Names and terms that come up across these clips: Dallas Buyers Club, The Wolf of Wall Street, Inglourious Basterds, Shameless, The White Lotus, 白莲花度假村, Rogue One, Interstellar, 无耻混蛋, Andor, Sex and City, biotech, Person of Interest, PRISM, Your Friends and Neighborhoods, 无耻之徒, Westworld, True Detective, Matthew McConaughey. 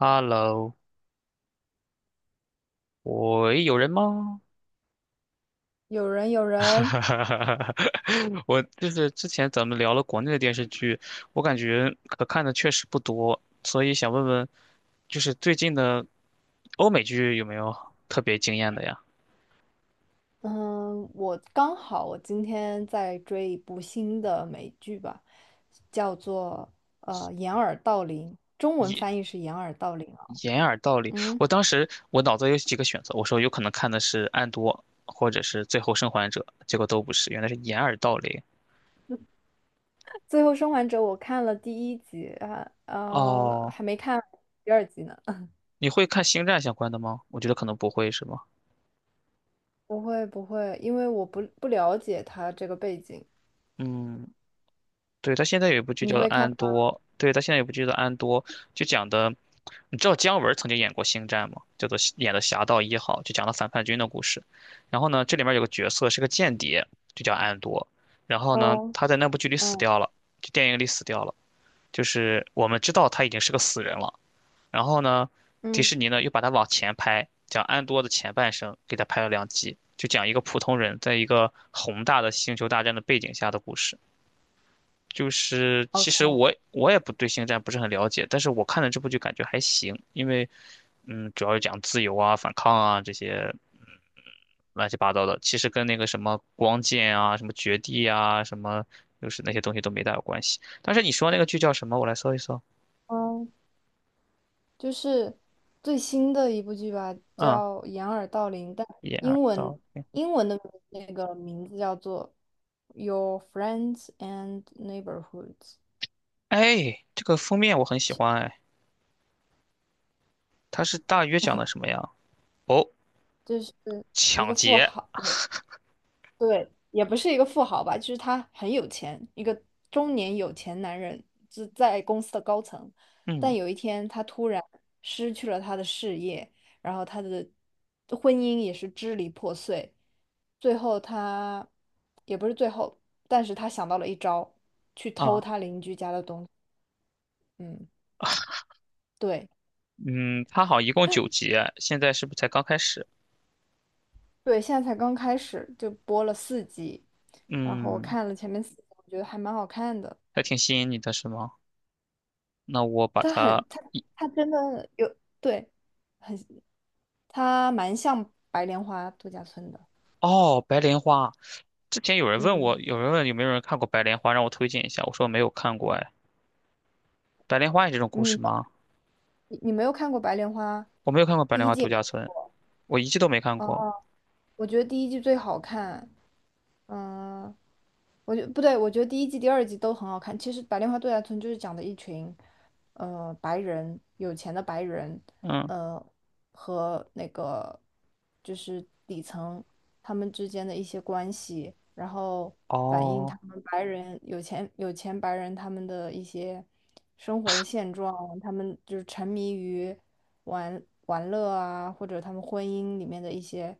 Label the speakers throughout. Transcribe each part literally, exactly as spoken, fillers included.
Speaker 1: Hello，喂，有人吗？
Speaker 2: 有人，有
Speaker 1: 哈
Speaker 2: 人，
Speaker 1: 哈哈哈。我就是之前咱们聊了国内的电视剧，我感觉可看的确实不多，所以想问问，就是最近的欧美剧有没有特别惊艳的呀？
Speaker 2: 嗯，我刚好我今天在追一部新的美剧吧，叫做呃《掩耳盗铃》，中文翻译是《掩耳盗铃》啊。
Speaker 1: 掩耳盗铃，
Speaker 2: 嗯，
Speaker 1: 我当时我脑子有几个选择，我说有可能看的是《暗多》或者是《最后生还者》，结果都不是，原来是掩耳盗铃。
Speaker 2: 《最后生还者》我看了第一集啊，呃，
Speaker 1: 哦，
Speaker 2: 还没看第二集呢。
Speaker 1: 你会看星战相关的吗？我觉得可能不会，是吗？
Speaker 2: 不会，不会，因为我不不了解他这个背景。
Speaker 1: 嗯，对，他现在有一部剧
Speaker 2: 你
Speaker 1: 叫做
Speaker 2: 会看
Speaker 1: 《安
Speaker 2: 吗？
Speaker 1: 多》，对，他现在有一部剧叫做《安多》，就讲的，你知道姜文曾经演过《星战》吗？叫做演的《侠盗一号》，就讲了反叛军的故事。然后呢，这里面有个角色是个间谍，就叫安多。然后呢，
Speaker 2: 嗯
Speaker 1: 他在那部剧里死
Speaker 2: 嗯
Speaker 1: 掉了，就电影里死掉了。就是我们知道他已经是个死人了。然后呢，迪
Speaker 2: 嗯
Speaker 1: 士尼呢又把他往前拍，讲安多的前半生，给他拍了两集，就讲一个普通人在一个宏大的星球大战的背景下的故事。就是其实
Speaker 2: ，OK，
Speaker 1: 我我也不对星战不是很了解，但是我看了这部剧感觉还行，因为嗯，主要是讲自由啊、反抗啊这些嗯乱七八糟的，其实跟那个什么光剑啊、什么绝地啊、什么就是那些东西都没大有关系。但是你说那个剧叫什么？我来搜一搜。
Speaker 2: 嗯就是最新的一部剧吧，
Speaker 1: 啊，
Speaker 2: 叫《掩耳盗铃》，但
Speaker 1: 一二
Speaker 2: 英文
Speaker 1: 到铃。
Speaker 2: 英文的那个名字叫做《Your Friends and Neighborhoods》，
Speaker 1: 哎，这个封面我很喜欢，哎，它是大约讲的什么呀？哦，
Speaker 2: 就是一
Speaker 1: 抢
Speaker 2: 个富
Speaker 1: 劫，
Speaker 2: 豪。对，也不是一个富豪吧，就是他很有钱，一个中年有钱男人，就在公司的高层。但
Speaker 1: 嗯
Speaker 2: 有一天，他突然失去了他的事业，然后他的婚姻也是支离破碎。最后他，也不是最后，但是他想到了一招，去偷
Speaker 1: 啊。
Speaker 2: 他邻居家的东西。嗯，对
Speaker 1: 嗯，它好像一共九集哎，现在是不是才刚开始？
Speaker 2: 对，现在才刚开始，就播了四集，然后我
Speaker 1: 嗯，
Speaker 2: 看了前面四集，我觉得还蛮好看的。
Speaker 1: 还挺吸引你的是吗？那我把
Speaker 2: 他
Speaker 1: 它，
Speaker 2: 很他他真的有对，很他蛮像白莲花度假村的。
Speaker 1: 哦，白莲花。之前有人问
Speaker 2: 嗯，
Speaker 1: 我，有人问有没有人看过白莲花，让我推荐一下。我说没有看过，哎，白莲花也这种故
Speaker 2: 你
Speaker 1: 事吗？
Speaker 2: 你没有看过白莲花
Speaker 1: 我没有看过白
Speaker 2: 第
Speaker 1: 莲
Speaker 2: 一
Speaker 1: 花
Speaker 2: 季
Speaker 1: 度
Speaker 2: 没？
Speaker 1: 假村，我一季都没看
Speaker 2: 啊，
Speaker 1: 过。
Speaker 2: 我觉得第一季最好看。嗯，我觉不对，我觉得第一季、第二季都很好看。其实《白莲花度假村》就是讲的一群，呃，白人有钱的白人，
Speaker 1: 嗯，
Speaker 2: 呃，和那个就是底层他们之间的一些关系，然后反映
Speaker 1: 哦
Speaker 2: 他们白人有钱有钱白人他们的一些生活的现状，他们就是沉迷于玩玩乐啊，或者他们婚姻里面的一些。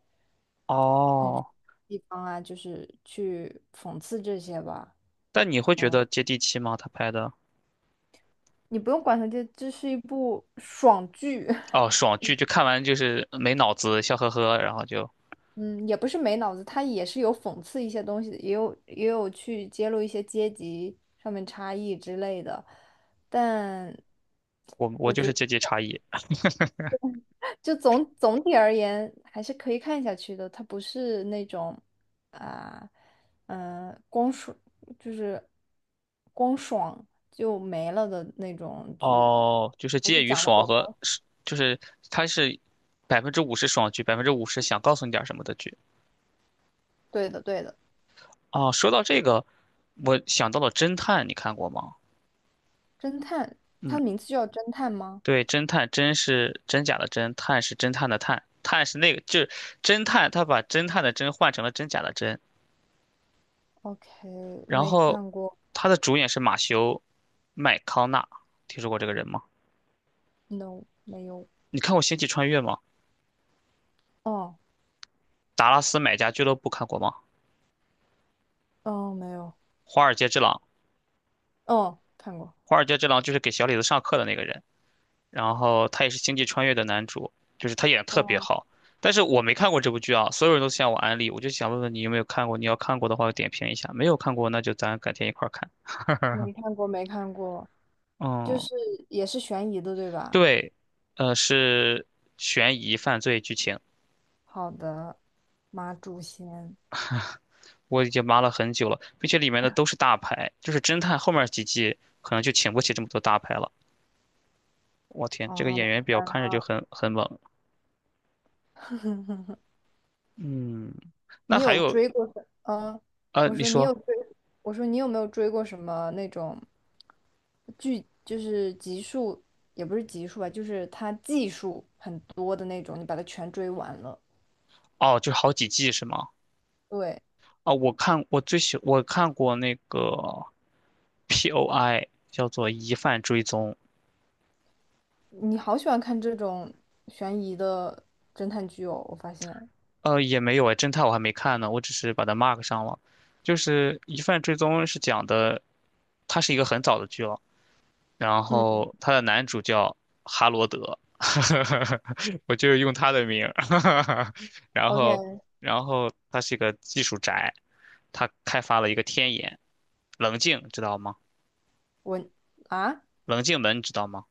Speaker 1: 哦，
Speaker 2: 地方啊，就是去讽刺这些吧。
Speaker 1: 但你会觉得接地气吗？他拍的，
Speaker 2: 你不用管它，这这是一部爽剧。
Speaker 1: 哦，爽剧就看完就是没脑子，笑呵呵，然后就
Speaker 2: 嗯，也不是没脑子，它也是有讽刺一些东西的，也有也有去揭露一些阶级上面差异之类的，但
Speaker 1: 我我就是阶级差异。
Speaker 2: 就总总体而言还是可以看下去的。它不是那种啊，嗯、光爽就是光爽就没了的那种剧，
Speaker 1: 哦，就是
Speaker 2: 还是
Speaker 1: 介于
Speaker 2: 讲了点
Speaker 1: 爽和
Speaker 2: 东西。
Speaker 1: 是，就是他是百分之五十爽剧，百分之五十想告诉你点儿什么的剧。
Speaker 2: 对的，对的。
Speaker 1: 哦，说到这个，我想到了侦探，你看过吗？
Speaker 2: 侦探，
Speaker 1: 嗯，
Speaker 2: 它名字就叫侦探吗
Speaker 1: 对，侦探，真是真假的真，探是侦探的探，探是那个，就是侦探，他把侦探的侦换成了真假的真。
Speaker 2: ？OK，
Speaker 1: 然
Speaker 2: 没
Speaker 1: 后，
Speaker 2: 看过
Speaker 1: 他的主演是马修麦康纳，听说过这个人吗？
Speaker 2: ，No，没有。
Speaker 1: 你看过《星际穿越》吗？
Speaker 2: 哦，
Speaker 1: 《达拉斯买家俱乐部》看过吗？
Speaker 2: 哦，没有，
Speaker 1: 《华尔街之狼》，
Speaker 2: 哦，看过，
Speaker 1: 《华尔街之狼》就是给小李子上课的那个人。然后他也是星际穿越的男主，就是他演的特别
Speaker 2: 哦，
Speaker 1: 好。但是我没看过这部剧啊，所有人都向我安利，我就想问问你有没有看过？你要看过的话，点评一下；没有看过，那就咱改天一块儿看。
Speaker 2: 没看过，没看过，就
Speaker 1: 嗯，
Speaker 2: 是也是悬疑的，对吧？
Speaker 1: 对，呃，是悬疑犯罪剧情，
Speaker 2: 好的，马祖贤，
Speaker 1: 我已经扒了很久了，并且里面的都是大牌，就是侦探后面几季可能就请不起这么多大牌了。我天，这个
Speaker 2: 哦，
Speaker 1: 演
Speaker 2: 没
Speaker 1: 员表
Speaker 2: 看
Speaker 1: 看着就
Speaker 2: 了。
Speaker 1: 很很猛。嗯，那
Speaker 2: 你
Speaker 1: 还
Speaker 2: 有
Speaker 1: 有，
Speaker 2: 追过什？嗯
Speaker 1: 呃，
Speaker 2: 我
Speaker 1: 你
Speaker 2: 说你
Speaker 1: 说，
Speaker 2: 有追，我说你有没有追过什么那种剧，就是集数，也不是集数吧，就是它季数很多的那种，你把它全追完了。
Speaker 1: 哦，就好几季是吗？
Speaker 2: 对，
Speaker 1: 啊，我看我最喜我看过那个 P O I 叫做疑犯追踪，
Speaker 2: 你好喜欢看这种悬疑的侦探剧哦，我发现。
Speaker 1: 呃，也没有哎，侦探我还没看呢，我只是把它 mark 上了。就是疑犯追踪是讲的，它是一个很早的剧了，然
Speaker 2: 嗯
Speaker 1: 后它的男主叫哈罗德，我就用他的名儿，然后
Speaker 2: ，OK，
Speaker 1: 然后他是一个技术宅，他开发了一个天眼，冷静知道吗？
Speaker 2: 文啊，
Speaker 1: 冷静门知道吗？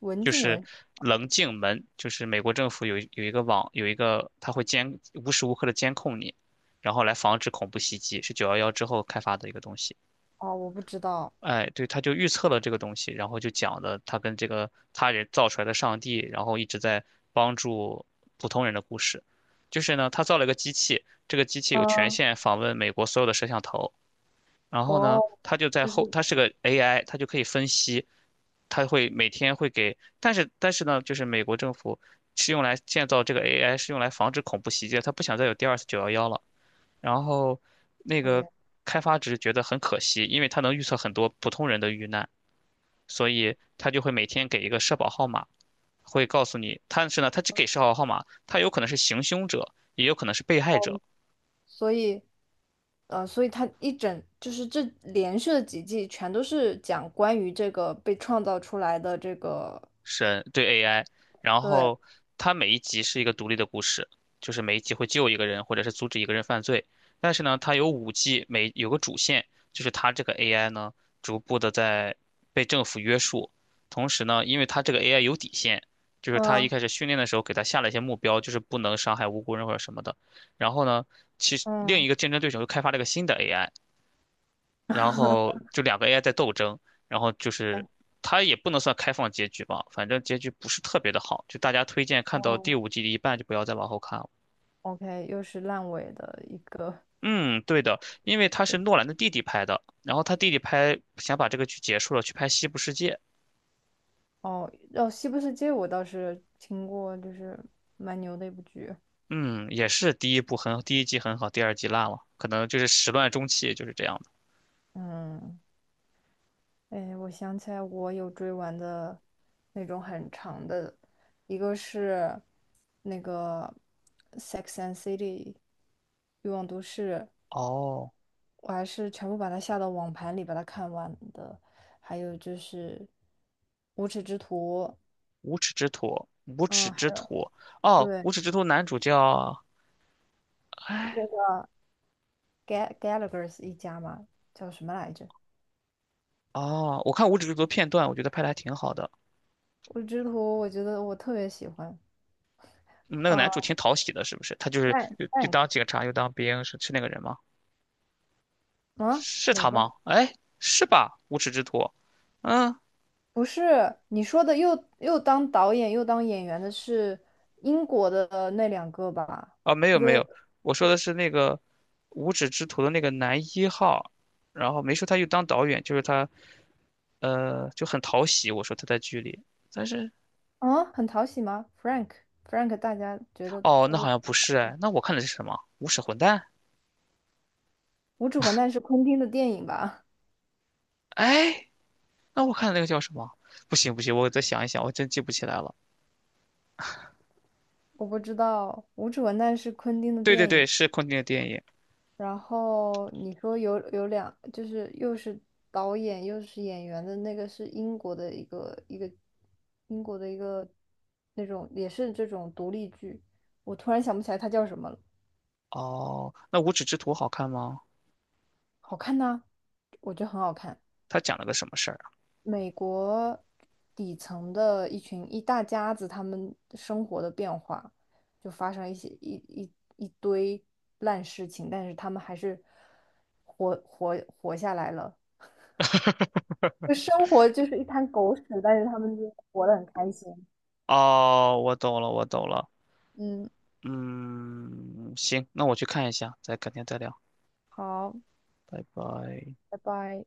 Speaker 2: 文
Speaker 1: 就
Speaker 2: 静
Speaker 1: 是
Speaker 2: 文
Speaker 1: 棱镜门，就是美国政府有有一个网有一个，它会监无时无刻的监控你，然后来防止恐怖袭击，是九幺幺之后开发的一个东西。
Speaker 2: 哦，我不知道。
Speaker 1: 哎，对，他就预测了这个东西，然后就讲的他跟这个他人造出来的上帝，然后一直在帮助普通人的故事。就是呢，他造了一个机器，这个机器有权
Speaker 2: 嗯，
Speaker 1: 限访问美国所有的摄像头，然后
Speaker 2: 哦，
Speaker 1: 呢，他就在
Speaker 2: 就是
Speaker 1: 后，他是个 A I，他就可以分析他会每天会给，但是但是呢，就是美国政府是用来建造这个 A I，是用来防止恐怖袭击的，他不想再有第二次九幺幺了。然后那个
Speaker 2: OK，
Speaker 1: 开发者觉得很可惜，因为他能预测很多普通人的遇难，所以他就会每天给一个社保号码，会告诉你，但是呢，他只给社保号码，他有可能是行凶者，也有可能是被害者，
Speaker 2: 所以呃，所以它一整就是这连续的几季全都是讲关于这个被创造出来的这个，
Speaker 1: 神对 A I，然
Speaker 2: 对，
Speaker 1: 后它每一集是一个独立的故事，就是每一集会救一个人或者是阻止一个人犯罪。但是呢，它有五季，每有个主线，就是它这个 A I 呢逐步的在被政府约束。同时呢，因为它这个 A I 有底线，就是它一
Speaker 2: 嗯
Speaker 1: 开始训练的时候给它下了一些目标，就是不能伤害无辜人或者什么的。然后呢，其实另
Speaker 2: 嗯，
Speaker 1: 一个竞争对手又开发了一个新的 A I，然 后就两个 A I 在斗争，然后就是
Speaker 2: 哎，
Speaker 1: 它也不能算开放结局吧，反正结局不是特别的好，就大家推荐看到第
Speaker 2: 哦
Speaker 1: 五季的一半就不要再往后看了。
Speaker 2: ，OK，又是烂尾的一个。
Speaker 1: 嗯，对的，因为他是诺兰的弟弟拍的，然后他弟弟拍想把这个剧结束了，去拍《西部世界》。
Speaker 2: 哦，哦，《西部世界》我倒是听过，就是蛮牛的一部剧。
Speaker 1: 嗯，也是第一部很，第一季很好，第二季烂了，可能就是始乱终弃，就是这样的。
Speaker 2: 嗯，哎，我想起来，我有追完的那种很长的，一个是那个《Sex and City》欲望都市，
Speaker 1: 哦，
Speaker 2: 我还是全部把它下到网盘里把它看完的。还有就是《无耻之徒》，
Speaker 1: 无耻之徒，无耻
Speaker 2: 嗯，还
Speaker 1: 之
Speaker 2: 有
Speaker 1: 徒，哦，
Speaker 2: 对
Speaker 1: 无耻之徒男主叫，
Speaker 2: 那
Speaker 1: 哎，
Speaker 2: 个 Ga Gallagher 一家嘛，叫什么来着？
Speaker 1: 哦，我看无耻之徒片段，我觉得拍的还挺好的。
Speaker 2: 《无耻之徒》，我觉得我特别喜欢。
Speaker 1: 嗯那个男
Speaker 2: 呃
Speaker 1: 主挺讨喜的，是不是？他就是
Speaker 2: ，Rank f
Speaker 1: 又
Speaker 2: f
Speaker 1: 又
Speaker 2: Rank
Speaker 1: 当警察又当兵，是是那个人吗？
Speaker 2: 啊，
Speaker 1: 是
Speaker 2: 哪
Speaker 1: 他吗？
Speaker 2: 个？
Speaker 1: 哎，是吧？无耻之徒，嗯
Speaker 2: 不是你说的又又当导演又当演员的是英国的那两个吧？
Speaker 1: 啊，没
Speaker 2: 一
Speaker 1: 有没
Speaker 2: 个
Speaker 1: 有，我说的是那个无耻之徒的那个男一号，然后没说他又当导演，就是他呃就很讨喜，我说他在剧里，但是
Speaker 2: 啊，很讨喜吗？Frank Frank，大家觉得
Speaker 1: 哦，
Speaker 2: 他
Speaker 1: 那好
Speaker 2: 的
Speaker 1: 像不是哎，那我看的是什么？无耻混蛋？
Speaker 2: 《无耻混蛋》是昆汀的电影吧？
Speaker 1: 哎，那我看的那个叫什么？不行不行，我再想一想，我真记不起来了。
Speaker 2: 我不知道，《无耻混蛋》是昆汀的
Speaker 1: 对对
Speaker 2: 电
Speaker 1: 对，
Speaker 2: 影。
Speaker 1: 是昆汀的电影。
Speaker 2: 然后你说有有两，就是又是导演又是演员的那个是英国的一个一个英国的一个那种也是这种独立剧，我突然想不起来它叫什么了，
Speaker 1: 哦，那无耻之徒好看吗？
Speaker 2: 好看呐，我觉得很好看。
Speaker 1: 他讲了个什么事儿
Speaker 2: 美国底层的一群一大家子，他们生活的变化就发生一些一一一堆烂事情，但是他们还是活活活下来了。就生活就是一滩狗屎，但是他们就活得很开心。
Speaker 1: 啊？哦，我懂了，我懂了。
Speaker 2: 嗯，
Speaker 1: 嗯，行，那我去看一下，再改天再聊，
Speaker 2: 好，
Speaker 1: 拜拜。
Speaker 2: 拜拜。